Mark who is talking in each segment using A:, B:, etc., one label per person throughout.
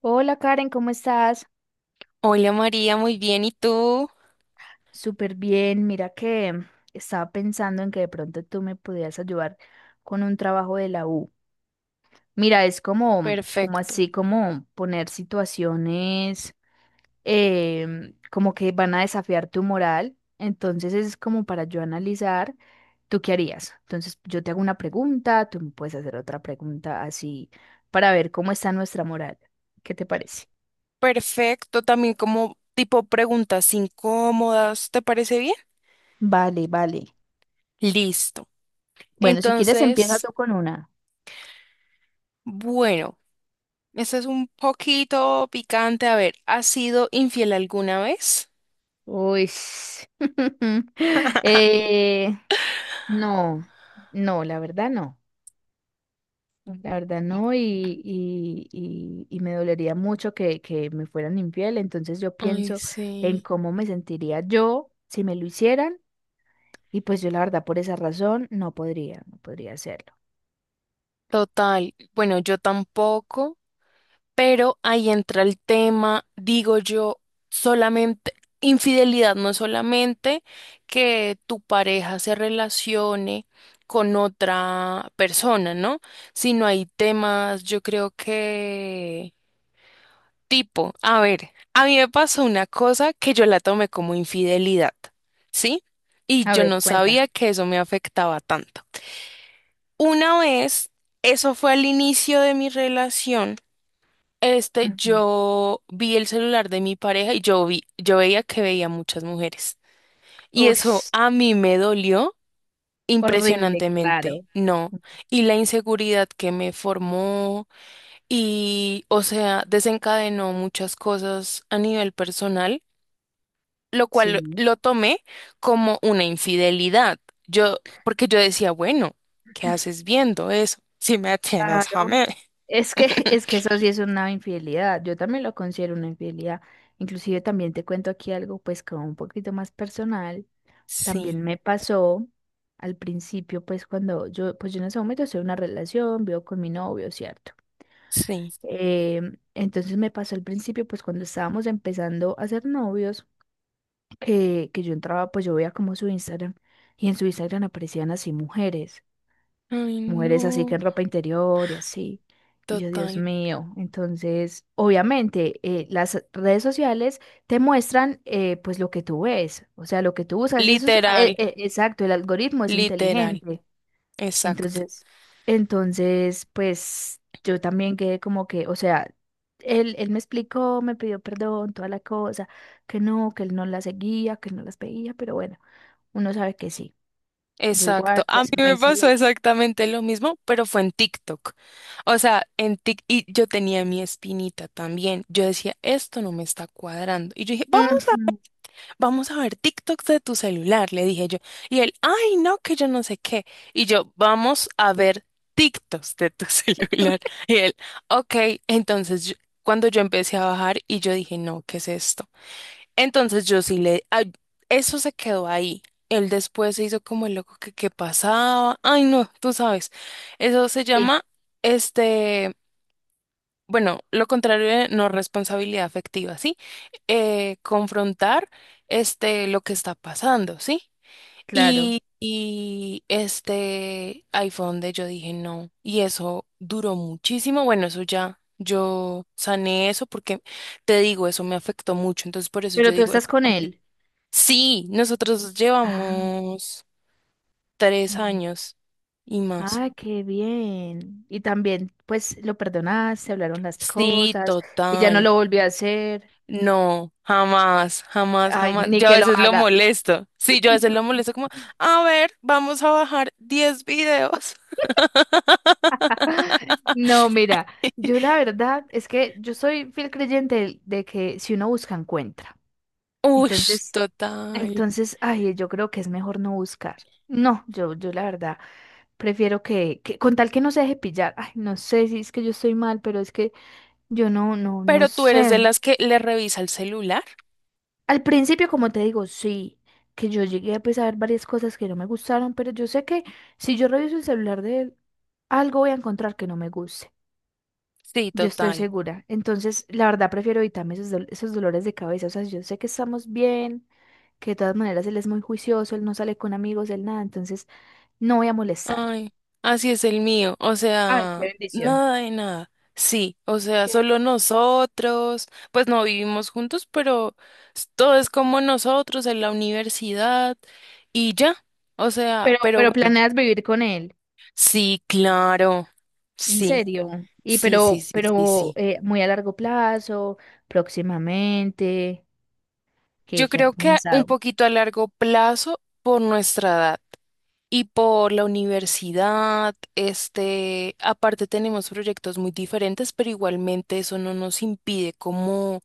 A: Hola Karen, ¿cómo estás?
B: Hola María, muy bien. ¿Y tú?
A: Súper bien. Mira que estaba pensando en que de pronto tú me pudieras ayudar con un trabajo de la U. Mira, es como, como
B: Perfecto.
A: así, como poner situaciones como que van a desafiar tu moral. Entonces es como para yo analizar, ¿tú qué harías? Entonces yo te hago una pregunta, tú me puedes hacer otra pregunta así para ver cómo está nuestra moral. ¿Qué te parece?
B: Perfecto. También como tipo preguntas incómodas, ¿te parece bien?
A: Vale, vale.
B: Listo.
A: Bueno, si quieres empieza
B: Entonces,
A: tú con una.
B: bueno, este es un poquito picante. A ver, ¿has sido infiel alguna vez?
A: Uy. Eh, no, no, la verdad no. La verdad no, y me dolería mucho que me fueran infiel. Entonces yo
B: Ay,
A: pienso en
B: sí.
A: cómo me sentiría yo si me lo hicieran. Y pues yo la verdad por esa razón no podría, no podría hacerlo.
B: Total. Bueno, yo tampoco. Pero ahí entra el tema, digo yo, solamente, infidelidad no es solamente que tu pareja se relacione con otra persona, ¿no? Sino hay temas, yo creo que tipo, a ver, a mí me pasó una cosa que yo la tomé como infidelidad, ¿sí? Y
A: A
B: yo
A: ver,
B: no
A: cuenta.
B: sabía que eso me afectaba tanto. Una vez, eso fue al inicio de mi relación. Este,
A: Ujú.
B: yo vi el celular de mi pareja y yo veía que veía muchas mujeres. Y eso
A: Ush,
B: a mí me dolió
A: horrible,
B: impresionantemente,
A: claro.
B: no. Y la inseguridad que me formó y, o sea, desencadenó muchas cosas a nivel personal, lo cual lo,
A: Sí.
B: lo tomé como una infidelidad. Yo, porque yo decía, bueno, ¿qué haces viendo eso? Si me tienes,
A: Claro.
B: jamé.
A: Es que, es que eso sí es una infidelidad. Yo también lo considero una infidelidad. Inclusive también te cuento aquí algo pues como un poquito más personal.
B: Sí,
A: También me pasó al principio pues cuando yo, pues yo en ese momento estoy en una relación, vivo con mi novio, ¿cierto?
B: sí.
A: Eh, entonces me pasó al principio pues cuando estábamos empezando a ser novios, que yo entraba pues yo veía como su Instagram y en su Instagram aparecían así mujeres
B: Ay,
A: mujeres así que
B: no,
A: en ropa interior y así. Y yo, Dios
B: total.
A: mío, entonces, obviamente, las redes sociales te muestran pues lo que tú ves, o sea, lo que tú buscas, eso es,
B: Literal,
A: exacto, el algoritmo es
B: literal,
A: inteligente.
B: exacto,
A: Entonces, entonces, pues yo también quedé como que, o sea, él me explicó, me pidió perdón, toda la cosa, que no, que él no las seguía, que no las veía, pero bueno, uno sabe que sí. Yo
B: exacto.
A: igual,
B: A mí
A: pues me
B: me
A: hice la...
B: pasó exactamente lo mismo, pero fue en TikTok. O sea, en TikTok, y yo tenía mi espinita también. Yo decía, esto no me está cuadrando. Y yo dije, vamos a, ver,
A: Ujú,
B: vamos a ver TikToks de tu celular, le dije yo. Y él, ay, no, que yo no sé qué. Y yo, vamos a ver TikToks de tu celular. Y él, ok, entonces cuando yo empecé a bajar y yo dije, no, ¿qué es esto? Entonces yo sí le... ay, eso se quedó ahí. Él después se hizo como el loco que qué pasaba. Ay, no, tú sabes. Eso se
A: sí,
B: llama, este, bueno, lo contrario de no responsabilidad afectiva, ¿sí? Confrontar, este, lo que está pasando, ¿sí?
A: claro.
B: Y este, ahí fue donde yo dije no. Y eso duró muchísimo. Bueno, eso ya, yo sané eso porque te digo, eso me afectó mucho. Entonces, por eso yo
A: Pero tú
B: digo,
A: estás con él.
B: sí, nosotros
A: Ah,
B: llevamos tres
A: también.
B: años y más.
A: Ah, qué bien. Y también, pues, lo perdonaste, hablaron las
B: Sí,
A: cosas y ya no
B: total.
A: lo volvió a hacer.
B: No, jamás, jamás,
A: Ay,
B: jamás.
A: ni
B: Yo a
A: que lo
B: veces lo
A: haga.
B: molesto. Sí, yo a veces lo molesto como, a ver, vamos a bajar 10 videos.
A: No, mira, yo la verdad es que yo soy fiel creyente de que si uno busca, encuentra.
B: Uy,
A: Entonces,
B: total.
A: entonces, ay, yo creo que es mejor no buscar. No, yo la verdad prefiero que con tal que no se deje pillar. Ay, no sé si es que yo estoy mal, pero es que yo no, no, no
B: Pero tú eres
A: sé.
B: de las que le revisa el celular.
A: Al principio, como te digo, sí, que yo llegué pues, a ver varias cosas que no me gustaron, pero yo sé que si yo reviso el celular de él, algo voy a encontrar que no me guste.
B: Sí,
A: Yo estoy
B: total.
A: segura. Entonces, la verdad, prefiero evitarme esos, esos dolores de cabeza. O sea, yo sé que estamos bien, que de todas maneras él es muy juicioso, él no sale con amigos, él nada, entonces no voy a molestar.
B: Ay, así es el mío, o
A: Ay, qué
B: sea,
A: bendición.
B: nada de nada. Sí, o sea,
A: ¿Qué? Bendición.
B: solo nosotros, pues no vivimos juntos, pero todo es como nosotros en la universidad y ya, o sea, pero
A: Pero
B: bueno,
A: planeas vivir con él,
B: sí, claro,
A: en
B: sí,
A: serio. Y
B: sí, sí, sí, sí,
A: pero
B: sí.
A: muy a largo plazo, próximamente.
B: Yo
A: ¿Qué, qué ha
B: creo que un
A: pensado?
B: poquito a largo plazo por nuestra edad. Y por la universidad, este, aparte tenemos proyectos muy diferentes, pero igualmente eso no nos impide como,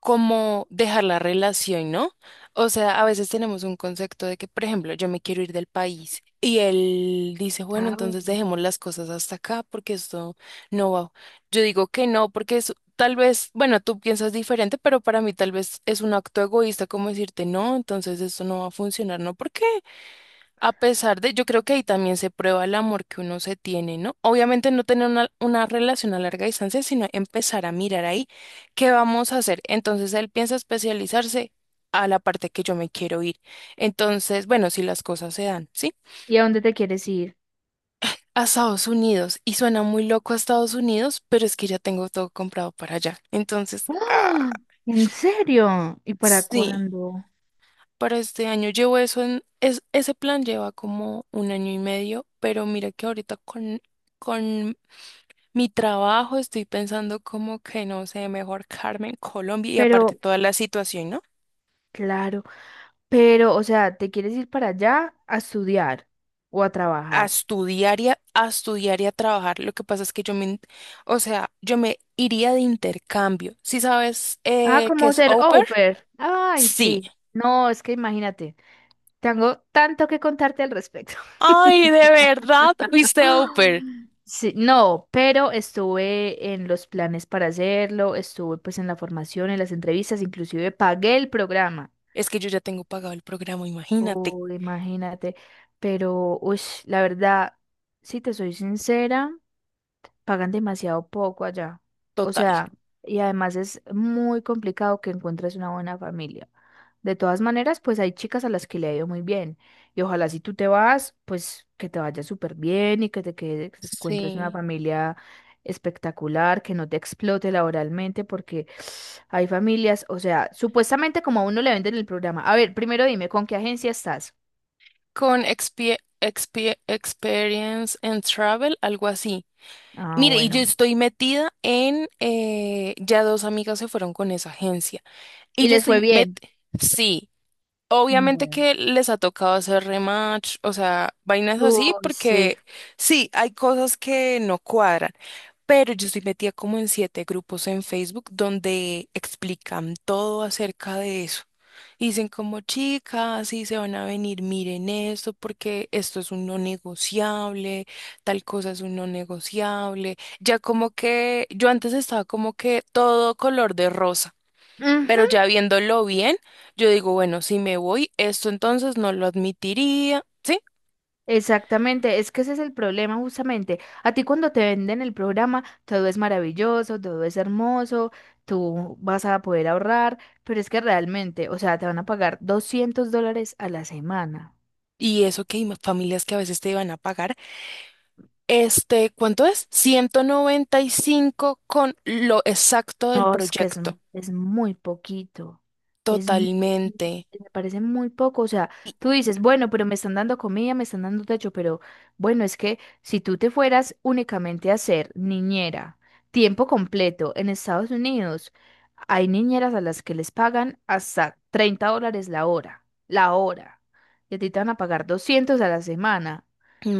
B: como dejar la relación, ¿no? O sea, a veces tenemos un concepto de que, por ejemplo, yo me quiero ir del país y él dice, bueno,
A: Ah.
B: entonces dejemos las cosas hasta acá porque esto no va. Yo digo que no, porque es, tal vez, bueno, tú piensas diferente, pero para mí tal vez es un acto egoísta como decirte, no, entonces esto no va a funcionar, ¿no? ¿Por qué? A pesar de, yo creo que ahí también se prueba el amor que uno se tiene, ¿no? Obviamente no tener una relación a larga distancia, sino empezar a mirar ahí qué vamos a hacer. Entonces él piensa especializarse a la parte que yo me quiero ir. Entonces, bueno, si las cosas se dan, ¿sí?
A: ¿Y a dónde te quieres ir?
B: A Estados Unidos. Y suena muy loco a Estados Unidos, pero es que ya tengo todo comprado para allá. Entonces, ah,
A: ¡Ah! ¿En serio? ¿Y para
B: sí.
A: cuándo?
B: Para este año llevo eso en, es, ese plan lleva como un año y medio, pero mira que ahorita con mi trabajo, estoy pensando como que, no sé, mejor Carmen, Colombia y aparte
A: Pero,
B: toda la situación, ¿no?
A: claro, pero, o sea, ¿te quieres ir para allá a estudiar o a
B: A
A: trabajar?
B: estudiar y a estudiar y a trabajar. Lo que pasa es que o sea, yo me iría de intercambio. ¿Sí sabes
A: Ah,
B: qué
A: como
B: es
A: ser
B: au pair?
A: au pair. Ay,
B: Sí.
A: sí. No, es que imagínate, tengo tanto que contarte al respecto.
B: Ay, ¿de verdad fuiste au pair?
A: Sí, no, pero estuve en los planes para hacerlo, estuve pues en la formación, en las entrevistas, inclusive pagué el programa.
B: Es que yo ya tengo pagado el programa, imagínate.
A: Oh, imagínate. Pero, uy, la verdad, si te soy sincera, pagan demasiado poco allá. O
B: Total.
A: sea, y además es muy complicado que encuentres una buena familia. De todas maneras, pues hay chicas a las que le ha ido muy bien. Y ojalá si tú te vas, pues que te vaya súper bien y que que te encuentres una
B: Sí.
A: familia espectacular, que no te explote laboralmente, porque hay familias, o sea, supuestamente como a uno le venden el programa. A ver, primero dime, ¿con qué agencia estás?
B: Con Experience and Travel, algo así.
A: Ah,
B: Mire, y yo
A: bueno.
B: estoy metida ya dos amigas se fueron con esa agencia. Y
A: Y
B: yo
A: les fue
B: estoy met,
A: bien.
B: sí, obviamente
A: Bueno.
B: que les ha tocado hacer rematch, o sea, vainas así,
A: Uy, sí.
B: porque sí, hay cosas que no cuadran, pero yo estoy metida como en 7 grupos en Facebook donde explican todo acerca de eso. Y dicen como chicas, sí se van a venir, miren esto, porque esto es un no negociable, tal cosa es un no negociable. Ya como que yo antes estaba como que todo color de rosa.
A: Ujú,
B: Pero ya viéndolo bien, yo digo, bueno, si me voy, esto entonces no lo admitiría, ¿sí?
A: exactamente, es que ese es el problema justamente. A ti cuando te venden el programa, todo es maravilloso, todo es hermoso, tú vas a poder ahorrar, pero es que realmente, o sea, te van a pagar $200 a la semana.
B: Y eso que hay familias que a veces te iban a pagar. Este, ¿cuánto es? 195 con lo exacto del
A: No, es que es,
B: proyecto.
A: es muy poquito. Es,
B: Totalmente.
A: me parece muy poco. O sea,
B: Y-
A: tú dices, bueno, pero me están dando comida, me están dando techo, pero bueno, es que si tú te fueras únicamente a ser niñera, tiempo completo en Estados Unidos, hay niñeras a las que les pagan hasta $30 la hora, la hora. Y a ti te van a pagar 200 a la semana.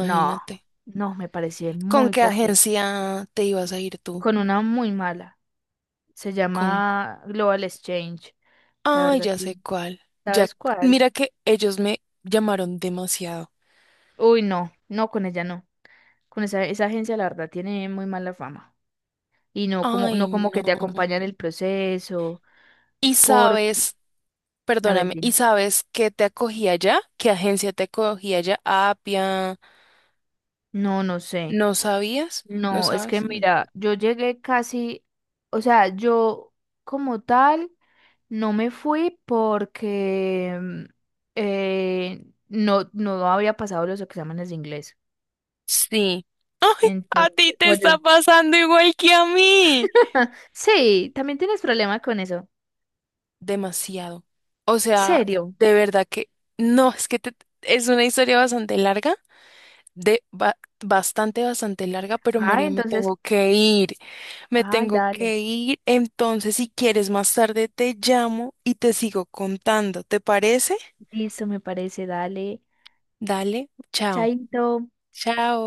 A: No, no, me parece
B: ¿Con
A: muy
B: qué
A: poquito.
B: agencia te ibas a ir tú?
A: Con una muy mala. Se
B: Con... cu-
A: llama Global Exchange. La
B: Ay,
A: verdad,
B: ya
A: sí.
B: sé cuál. Ya,
A: ¿Sabes cuál?
B: mira que ellos me llamaron demasiado.
A: Uy, no, no, con ella no. Con esa, esa agencia, la verdad, tiene muy mala fama. Y no como,
B: Ay,
A: no como
B: no.
A: que te acompañan el proceso.
B: Y
A: Porque,
B: sabes,
A: a ver,
B: perdóname, ¿y
A: dime.
B: sabes qué te acogía allá? ¿Qué agencia te acogía allá? Apia,
A: No, no sé.
B: ¿no sabías? ¿No
A: No, es que
B: sabes? Mm.
A: mira, yo llegué casi, o sea, yo como tal no me fui porque no, no había pasado los exámenes de inglés.
B: Sí, a ti
A: Entonces,
B: te está
A: oye,
B: pasando igual que a mí.
A: sí, también tienes problema con eso.
B: Demasiado. O sea,
A: ¿Serio?
B: de verdad que no, es que es una historia bastante larga, de ba- bastante, bastante larga, pero
A: Ah,
B: María, me
A: entonces,
B: tengo que ir, me
A: ay,
B: tengo
A: dale.
B: que ir. Entonces, si quieres más tarde te llamo y te sigo contando, ¿te parece?
A: Listo, me parece, dale.
B: Dale, chao.
A: Chaito.
B: Chao.